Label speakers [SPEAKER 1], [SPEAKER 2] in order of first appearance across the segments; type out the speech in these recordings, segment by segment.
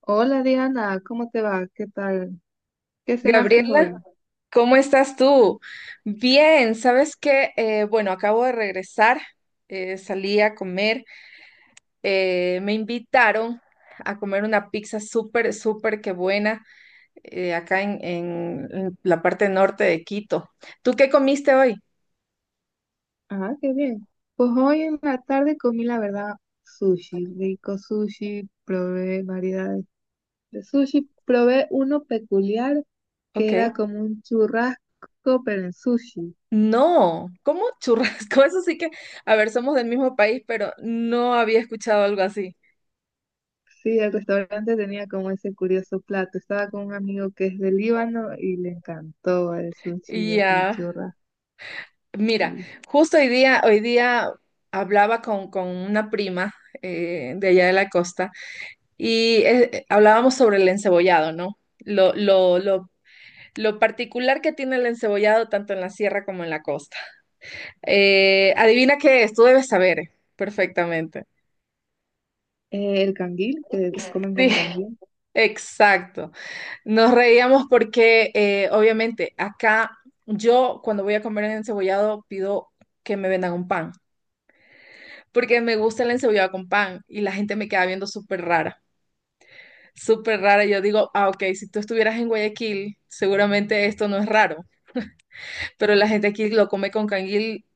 [SPEAKER 1] Hola Diana, ¿cómo te va? ¿Qué tal? ¿Qué cenaste
[SPEAKER 2] Gabriela,
[SPEAKER 1] hoy?
[SPEAKER 2] ¿cómo estás tú? Bien, ¿sabes qué? Bueno, Acabo de regresar, salí a comer, me invitaron a comer una pizza súper, súper que buena acá en, en la parte norte de Quito. ¿Tú qué comiste hoy?
[SPEAKER 1] Ah, qué bien. Pues hoy en la tarde comí, la verdad, sushi, rico sushi, probé variedades de sushi, probé uno peculiar
[SPEAKER 2] Ok.
[SPEAKER 1] que era como un churrasco pero en sushi.
[SPEAKER 2] No, ¿cómo churrasco? Eso sí que, a ver, somos del mismo país, pero no había escuchado algo así.
[SPEAKER 1] Sí, el restaurante tenía como ese curioso plato. Estaba con un amigo que es de Líbano y le encantó el sushi así
[SPEAKER 2] Ya.
[SPEAKER 1] churrasco.
[SPEAKER 2] Mira, justo hoy día hablaba con una prima de allá de la costa y hablábamos sobre el encebollado, ¿no? Lo particular que tiene el encebollado tanto en la sierra como en la costa. Adivina qué es, tú debes saber perfectamente.
[SPEAKER 1] El canguil, que comen
[SPEAKER 2] Sí,
[SPEAKER 1] con canguil.
[SPEAKER 2] exacto. Nos reíamos porque obviamente acá yo cuando voy a comer el encebollado pido que me vendan un pan, porque me gusta el encebollada con pan y la gente me queda viendo súper rara, súper rara. Y yo digo, ah, ok, si tú estuvieras en Guayaquil, seguramente esto no es raro, pero la gente aquí lo come con canguil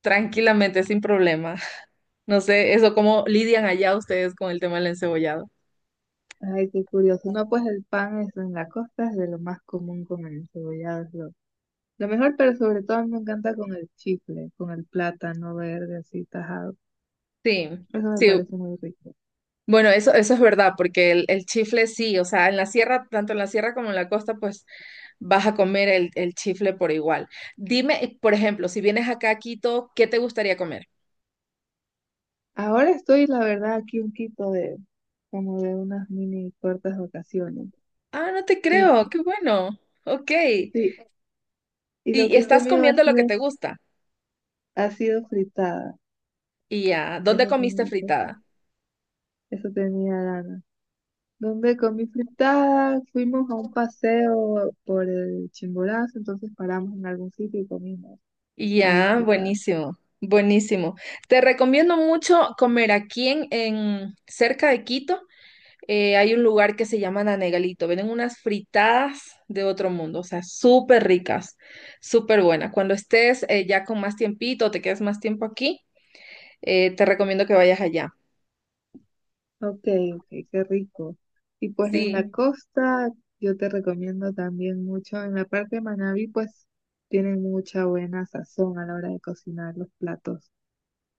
[SPEAKER 2] tranquilamente, sin problema. No sé, eso cómo lidian allá ustedes con el tema del encebollado.
[SPEAKER 1] Ay, qué curioso. No, pues el pan, es en la costa es de lo más común con el encebollado. Es lo mejor, pero sobre todo a mí me encanta con el chicle, con el plátano verde así tajado.
[SPEAKER 2] Sí,
[SPEAKER 1] Eso me
[SPEAKER 2] sí.
[SPEAKER 1] parece muy rico.
[SPEAKER 2] Bueno, eso es verdad, porque el chifle sí, o sea, en la sierra, tanto en la sierra como en la costa, pues vas a comer el chifle por igual. Dime, por ejemplo, si vienes acá a Quito, ¿qué te gustaría comer?
[SPEAKER 1] Ahora estoy, la verdad, aquí un quito de como de unas mini cortas vacaciones.
[SPEAKER 2] Ah, no te
[SPEAKER 1] Y
[SPEAKER 2] creo, qué bueno. Ok.
[SPEAKER 1] sí, y lo
[SPEAKER 2] Y
[SPEAKER 1] que he
[SPEAKER 2] estás comiendo lo que te gusta.
[SPEAKER 1] ha sido fritada.
[SPEAKER 2] Y ya, ¿dónde
[SPEAKER 1] Eso
[SPEAKER 2] comiste
[SPEAKER 1] tenía, eso,
[SPEAKER 2] fritada?
[SPEAKER 1] Eso tenía ganas. Donde comí fritada, fuimos a un paseo por el Chimborazo, entonces paramos en algún sitio y comimos
[SPEAKER 2] Y
[SPEAKER 1] ahí
[SPEAKER 2] ya,
[SPEAKER 1] fritada.
[SPEAKER 2] buenísimo, buenísimo. Te recomiendo mucho comer aquí en, cerca de Quito. Hay un lugar que se llama Nanegalito. Venden unas fritadas de otro mundo, o sea, súper ricas, súper buenas. Cuando estés ya con más tiempito, te quedes más tiempo aquí, te recomiendo que vayas allá.
[SPEAKER 1] Ok, ok, qué rico. Y pues en la
[SPEAKER 2] Sí,
[SPEAKER 1] costa, yo te recomiendo también mucho, en la parte de Manabí, pues tienen mucha buena sazón a la hora de cocinar los platos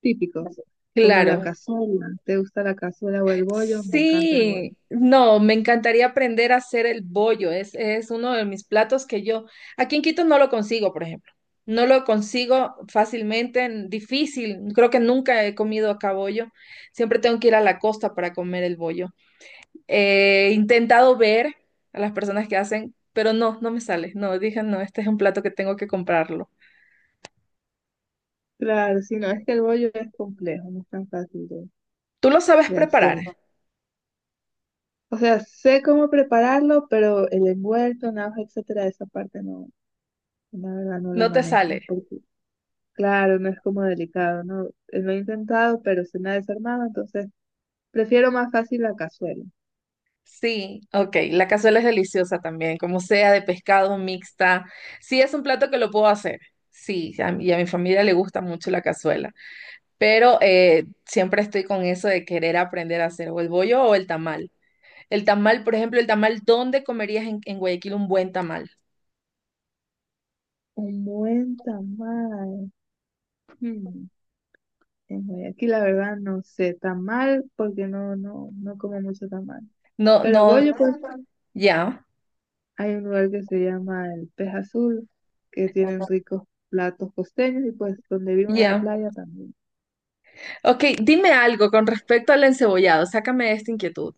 [SPEAKER 1] típicos, como la
[SPEAKER 2] claro.
[SPEAKER 1] cazuela. ¿Te gusta la cazuela o el bollo? Me encanta el bollo.
[SPEAKER 2] Sí, no, me encantaría aprender a hacer el bollo. Es uno de mis platos que yo, aquí en Quito no lo consigo, por ejemplo. No lo consigo fácilmente, difícil. Creo que nunca he comido acá bollo. Siempre tengo que ir a la costa para comer el bollo. He intentado ver a las personas que hacen, pero no, no me sale. No, dije, no, este es un plato que tengo que comprarlo.
[SPEAKER 1] Claro, si no, es que el bollo es complejo, no es tan fácil
[SPEAKER 2] ¿Tú lo sabes
[SPEAKER 1] de hacer.
[SPEAKER 2] preparar?
[SPEAKER 1] O sea, sé cómo prepararlo, pero el envuelto, nada, etcétera, esa parte no, la verdad no la
[SPEAKER 2] No te
[SPEAKER 1] manejo.
[SPEAKER 2] sale.
[SPEAKER 1] Porque, claro, no es como delicado, ¿no? Lo he intentado, pero se me ha desarmado, entonces prefiero más fácil la cazuela.
[SPEAKER 2] Sí, ok. La cazuela es deliciosa también, como sea, de pescado, mixta. Sí, es un plato que lo puedo hacer. Sí, y a mi familia le gusta mucho la cazuela. Pero siempre estoy con eso de querer aprender a hacer o el bollo o el tamal. El tamal, por ejemplo, el tamal, ¿dónde comerías en Guayaquil un buen tamal?
[SPEAKER 1] Un buen tamal. Hmm, en Guayaquil, la verdad, no sé. Tamal, porque no como mucho tamal.
[SPEAKER 2] No,
[SPEAKER 1] Pero
[SPEAKER 2] no,
[SPEAKER 1] bollo, pues,
[SPEAKER 2] ya,
[SPEAKER 1] hay un lugar que se llama el Pez Azul, que tienen ricos platos costeños y pues donde vivo en la
[SPEAKER 2] ya.
[SPEAKER 1] playa también.
[SPEAKER 2] Ok, dime algo con respecto al encebollado. Sácame de esta inquietud.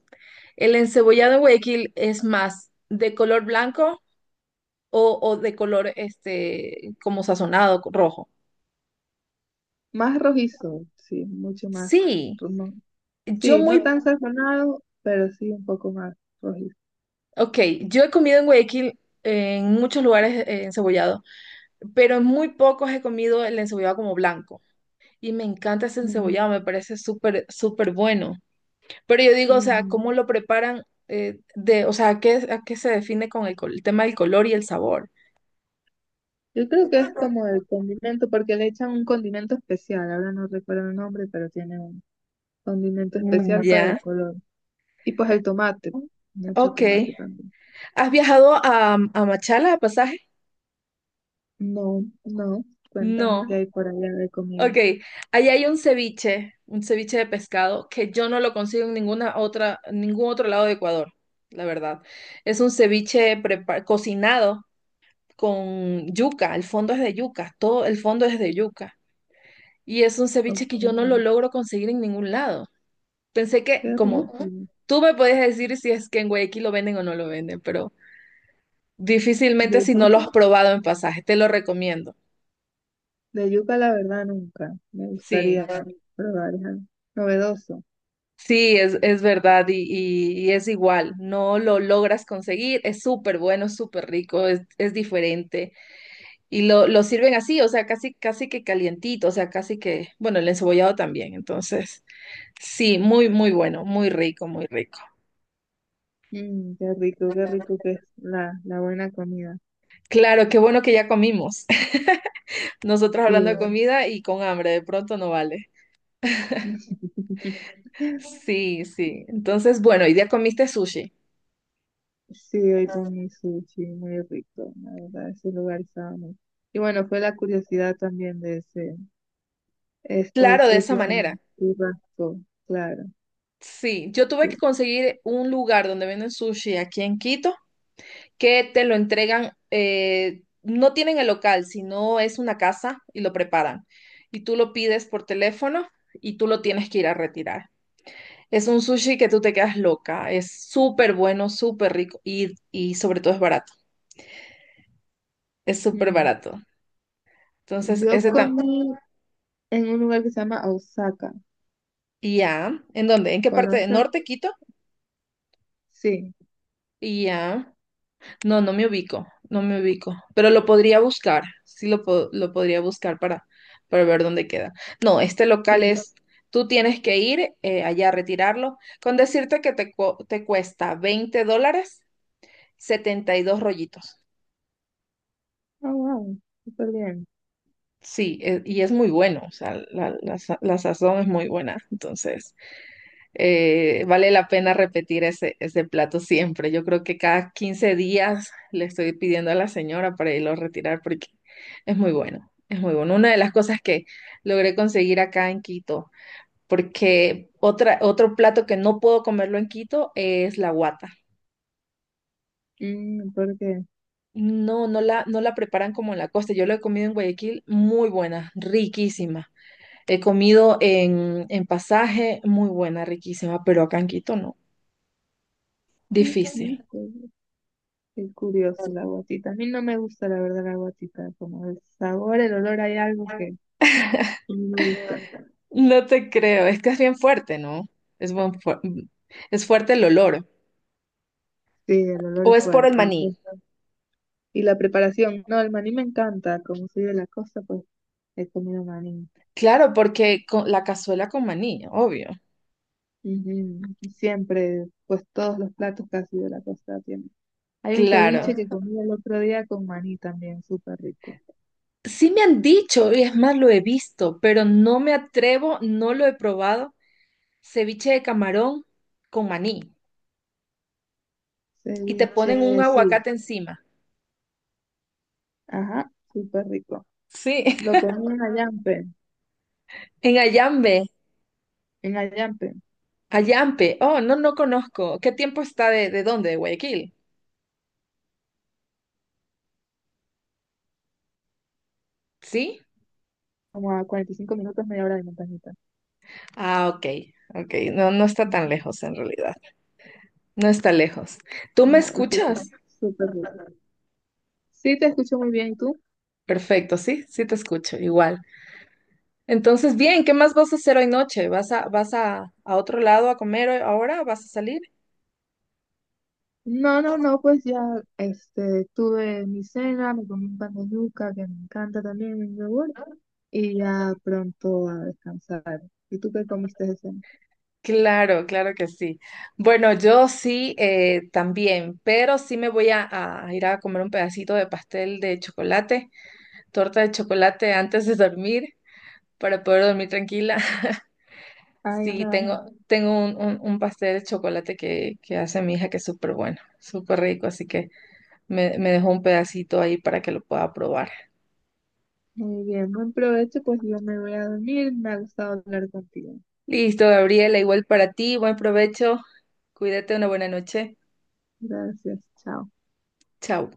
[SPEAKER 2] ¿El encebollado en Guayaquil es más de color blanco? O, o de color este, como sazonado, rojo.
[SPEAKER 1] Más rojizo, sí, mucho más.
[SPEAKER 2] Sí,
[SPEAKER 1] No,
[SPEAKER 2] yo
[SPEAKER 1] sí, no
[SPEAKER 2] muy,
[SPEAKER 1] tan sazonado, pero sí un poco más rojizo.
[SPEAKER 2] ok, yo he comido en Guayaquil en muchos lugares encebollado, pero en muy pocos he comido el encebollado como blanco. Y me encanta ese
[SPEAKER 1] Mm,
[SPEAKER 2] encebollado, me parece súper, súper bueno. Pero yo digo, o sea, ¿cómo
[SPEAKER 1] ujú.
[SPEAKER 2] lo preparan? O sea, a qué se define con el, el tema del color y el sabor?
[SPEAKER 1] Yo creo que es como el condimento, porque le echan un condimento especial, ahora no recuerdo el nombre, pero tiene un condimento
[SPEAKER 2] Mm,
[SPEAKER 1] especial para el
[SPEAKER 2] ya,
[SPEAKER 1] color. Y pues el tomate, mucho
[SPEAKER 2] ok.
[SPEAKER 1] tomate también.
[SPEAKER 2] ¿Has viajado a Machala a pasaje?
[SPEAKER 1] No, no, cuéntame qué
[SPEAKER 2] No,
[SPEAKER 1] hay por allá de
[SPEAKER 2] ok,
[SPEAKER 1] comida.
[SPEAKER 2] ahí hay un ceviche de pescado que yo no lo consigo en ninguna otra, en ningún otro lado de Ecuador, la verdad. Es un ceviche cocinado con yuca, el fondo es de yuca, todo el fondo es de yuca. Y es un
[SPEAKER 1] Ok,
[SPEAKER 2] ceviche que yo no lo logro conseguir en ningún lado. Pensé
[SPEAKER 1] qué
[SPEAKER 2] que, como ujú,
[SPEAKER 1] rico.
[SPEAKER 2] tú me podías decir si es que en Guayaquil lo venden o no lo venden, pero
[SPEAKER 1] De
[SPEAKER 2] difícilmente si no lo
[SPEAKER 1] yuca,
[SPEAKER 2] has probado en pasaje, te lo recomiendo.
[SPEAKER 1] de yuca la verdad nunca. Me
[SPEAKER 2] Sí.
[SPEAKER 1] gustaría probar, es algo novedoso.
[SPEAKER 2] Sí, es verdad y, y es igual, no lo logras conseguir, es súper bueno, súper rico, es diferente y lo sirven así, o sea, casi, casi que calientito, o sea, casi que, bueno, el encebollado también, entonces, sí, muy, muy bueno, muy rico, muy rico.
[SPEAKER 1] Mm, qué rico que es la buena comida.
[SPEAKER 2] Claro, qué bueno que ya comimos, nosotros hablando de
[SPEAKER 1] Sí.
[SPEAKER 2] comida y con hambre, de pronto no vale. Sí, sí, entonces, bueno, y ya comiste sushi,
[SPEAKER 1] Sí, hoy comí sushi, muy rico, la verdad, ese lugar estaba muy… Y bueno, fue la curiosidad también de ese, este
[SPEAKER 2] claro, de esa
[SPEAKER 1] sushi
[SPEAKER 2] manera.
[SPEAKER 1] con churrasco, claro,
[SPEAKER 2] Sí, yo tuve
[SPEAKER 1] sí.
[SPEAKER 2] que conseguir un lugar donde venden sushi aquí en Quito que te lo entregan, no tienen el local, sino es una casa y lo preparan. Y tú lo pides por teléfono y tú lo tienes que ir a retirar. Es un sushi que tú te quedas loca, es súper bueno, súper rico y sobre todo es barato, es súper
[SPEAKER 1] Mm.
[SPEAKER 2] barato. Entonces,
[SPEAKER 1] Yo
[SPEAKER 2] ese ah,
[SPEAKER 1] comí en un lugar que se llama Osaka,
[SPEAKER 2] y ya, ¿en dónde? ¿En qué parte? ¿De
[SPEAKER 1] ¿conoces?
[SPEAKER 2] norte, Quito?
[SPEAKER 1] Sí,
[SPEAKER 2] Y ya. No, no me ubico, no me ubico, pero lo podría buscar, sí lo, lo podría buscar para ver dónde queda. No, este local
[SPEAKER 1] sí.
[SPEAKER 2] es, tú tienes que ir allá a retirarlo, con decirte que te, te cuesta $20, 72 rollitos.
[SPEAKER 1] Oh, wow, súper bien.
[SPEAKER 2] Sí, y es muy bueno, o sea, la, la sazón es muy buena, entonces vale la pena repetir ese, ese plato siempre. Yo creo que cada 15 días le estoy pidiendo a la señora para irlo a retirar porque es muy bueno, es muy bueno. Una de las cosas que logré conseguir acá en Quito, porque otra, otro plato que no puedo comerlo en Quito es la guata.
[SPEAKER 1] Mm, ¿por qué?
[SPEAKER 2] No, no la, no la preparan como en la costa. Yo lo he comido en Guayaquil, muy buena, riquísima. He comido en Pasaje, muy buena, riquísima, pero acá en Quito no.
[SPEAKER 1] Mm,
[SPEAKER 2] Difícil.
[SPEAKER 1] mm, pues, qué curioso la guatita. A mí no me gusta, la verdad, la guatita. Como el sabor, el olor, hay algo que no me gusta.
[SPEAKER 2] No te creo, es que es bien fuerte, ¿no? Es, es fuerte el olor.
[SPEAKER 1] Sí, el olor
[SPEAKER 2] ¿O
[SPEAKER 1] es
[SPEAKER 2] es por el
[SPEAKER 1] fuerte. Y,
[SPEAKER 2] maní?
[SPEAKER 1] pues, y la preparación. No, el maní me encanta. Como soy de la costa, pues he comido maní.
[SPEAKER 2] Claro, porque con la cazuela con maní, obvio.
[SPEAKER 1] Ujú. Siempre, pues todos los platos casi de la costa tienen. Hay un
[SPEAKER 2] Claro.
[SPEAKER 1] ceviche que comí el otro día con maní también, súper rico.
[SPEAKER 2] Sí me han dicho, y es más, lo he visto, pero no me atrevo, no lo he probado. Ceviche de camarón con maní. Y te ponen un
[SPEAKER 1] Ceviche, sí.
[SPEAKER 2] aguacate encima.
[SPEAKER 1] Ajá, súper rico.
[SPEAKER 2] Sí,
[SPEAKER 1] Lo comí en
[SPEAKER 2] en
[SPEAKER 1] Ayampe,
[SPEAKER 2] Ayampe. Oh, no, no conozco. ¿Qué tiempo está de dónde? ¿De Guayaquil? ¿Sí?
[SPEAKER 1] como a 45 minutos, media hora de montañita.
[SPEAKER 2] Ah, ok, ok. No, no está tan lejos en realidad. No está lejos. ¿Tú me
[SPEAKER 1] No,
[SPEAKER 2] escuchas?
[SPEAKER 1] súper rico. Sí, te escucho muy bien. ¿Y tú?
[SPEAKER 2] Perfecto, sí, sí te escucho, igual. Entonces, bien, ¿qué más vas a hacer hoy noche? ¿Vas a, vas a otro lado a comer ahora? ¿Vas a salir?
[SPEAKER 1] No, pues ya este, tuve mi cena, me comí un pan de yuca que me encanta también, el yogur, y ya pronto a descansar. ¿Y tú qué comiste de cena?
[SPEAKER 2] Claro, claro que sí. Bueno, yo sí también, pero sí me voy a ir a comer un pedacito de pastel de chocolate, torta de chocolate antes de dormir, para poder dormir tranquila.
[SPEAKER 1] Ay,
[SPEAKER 2] Sí,
[SPEAKER 1] no,
[SPEAKER 2] tengo, tengo un, un pastel de chocolate que hace mi hija que es súper bueno, súper rico, así que... Me dejó un pedacito ahí para que lo pueda probar.
[SPEAKER 1] muy bien, buen provecho, pues yo me voy a dormir, me ha gustado hablar contigo.
[SPEAKER 2] Listo, Gabriela, igual para ti, buen provecho. Cuídate, una buena noche.
[SPEAKER 1] Gracias, chao.
[SPEAKER 2] Chao.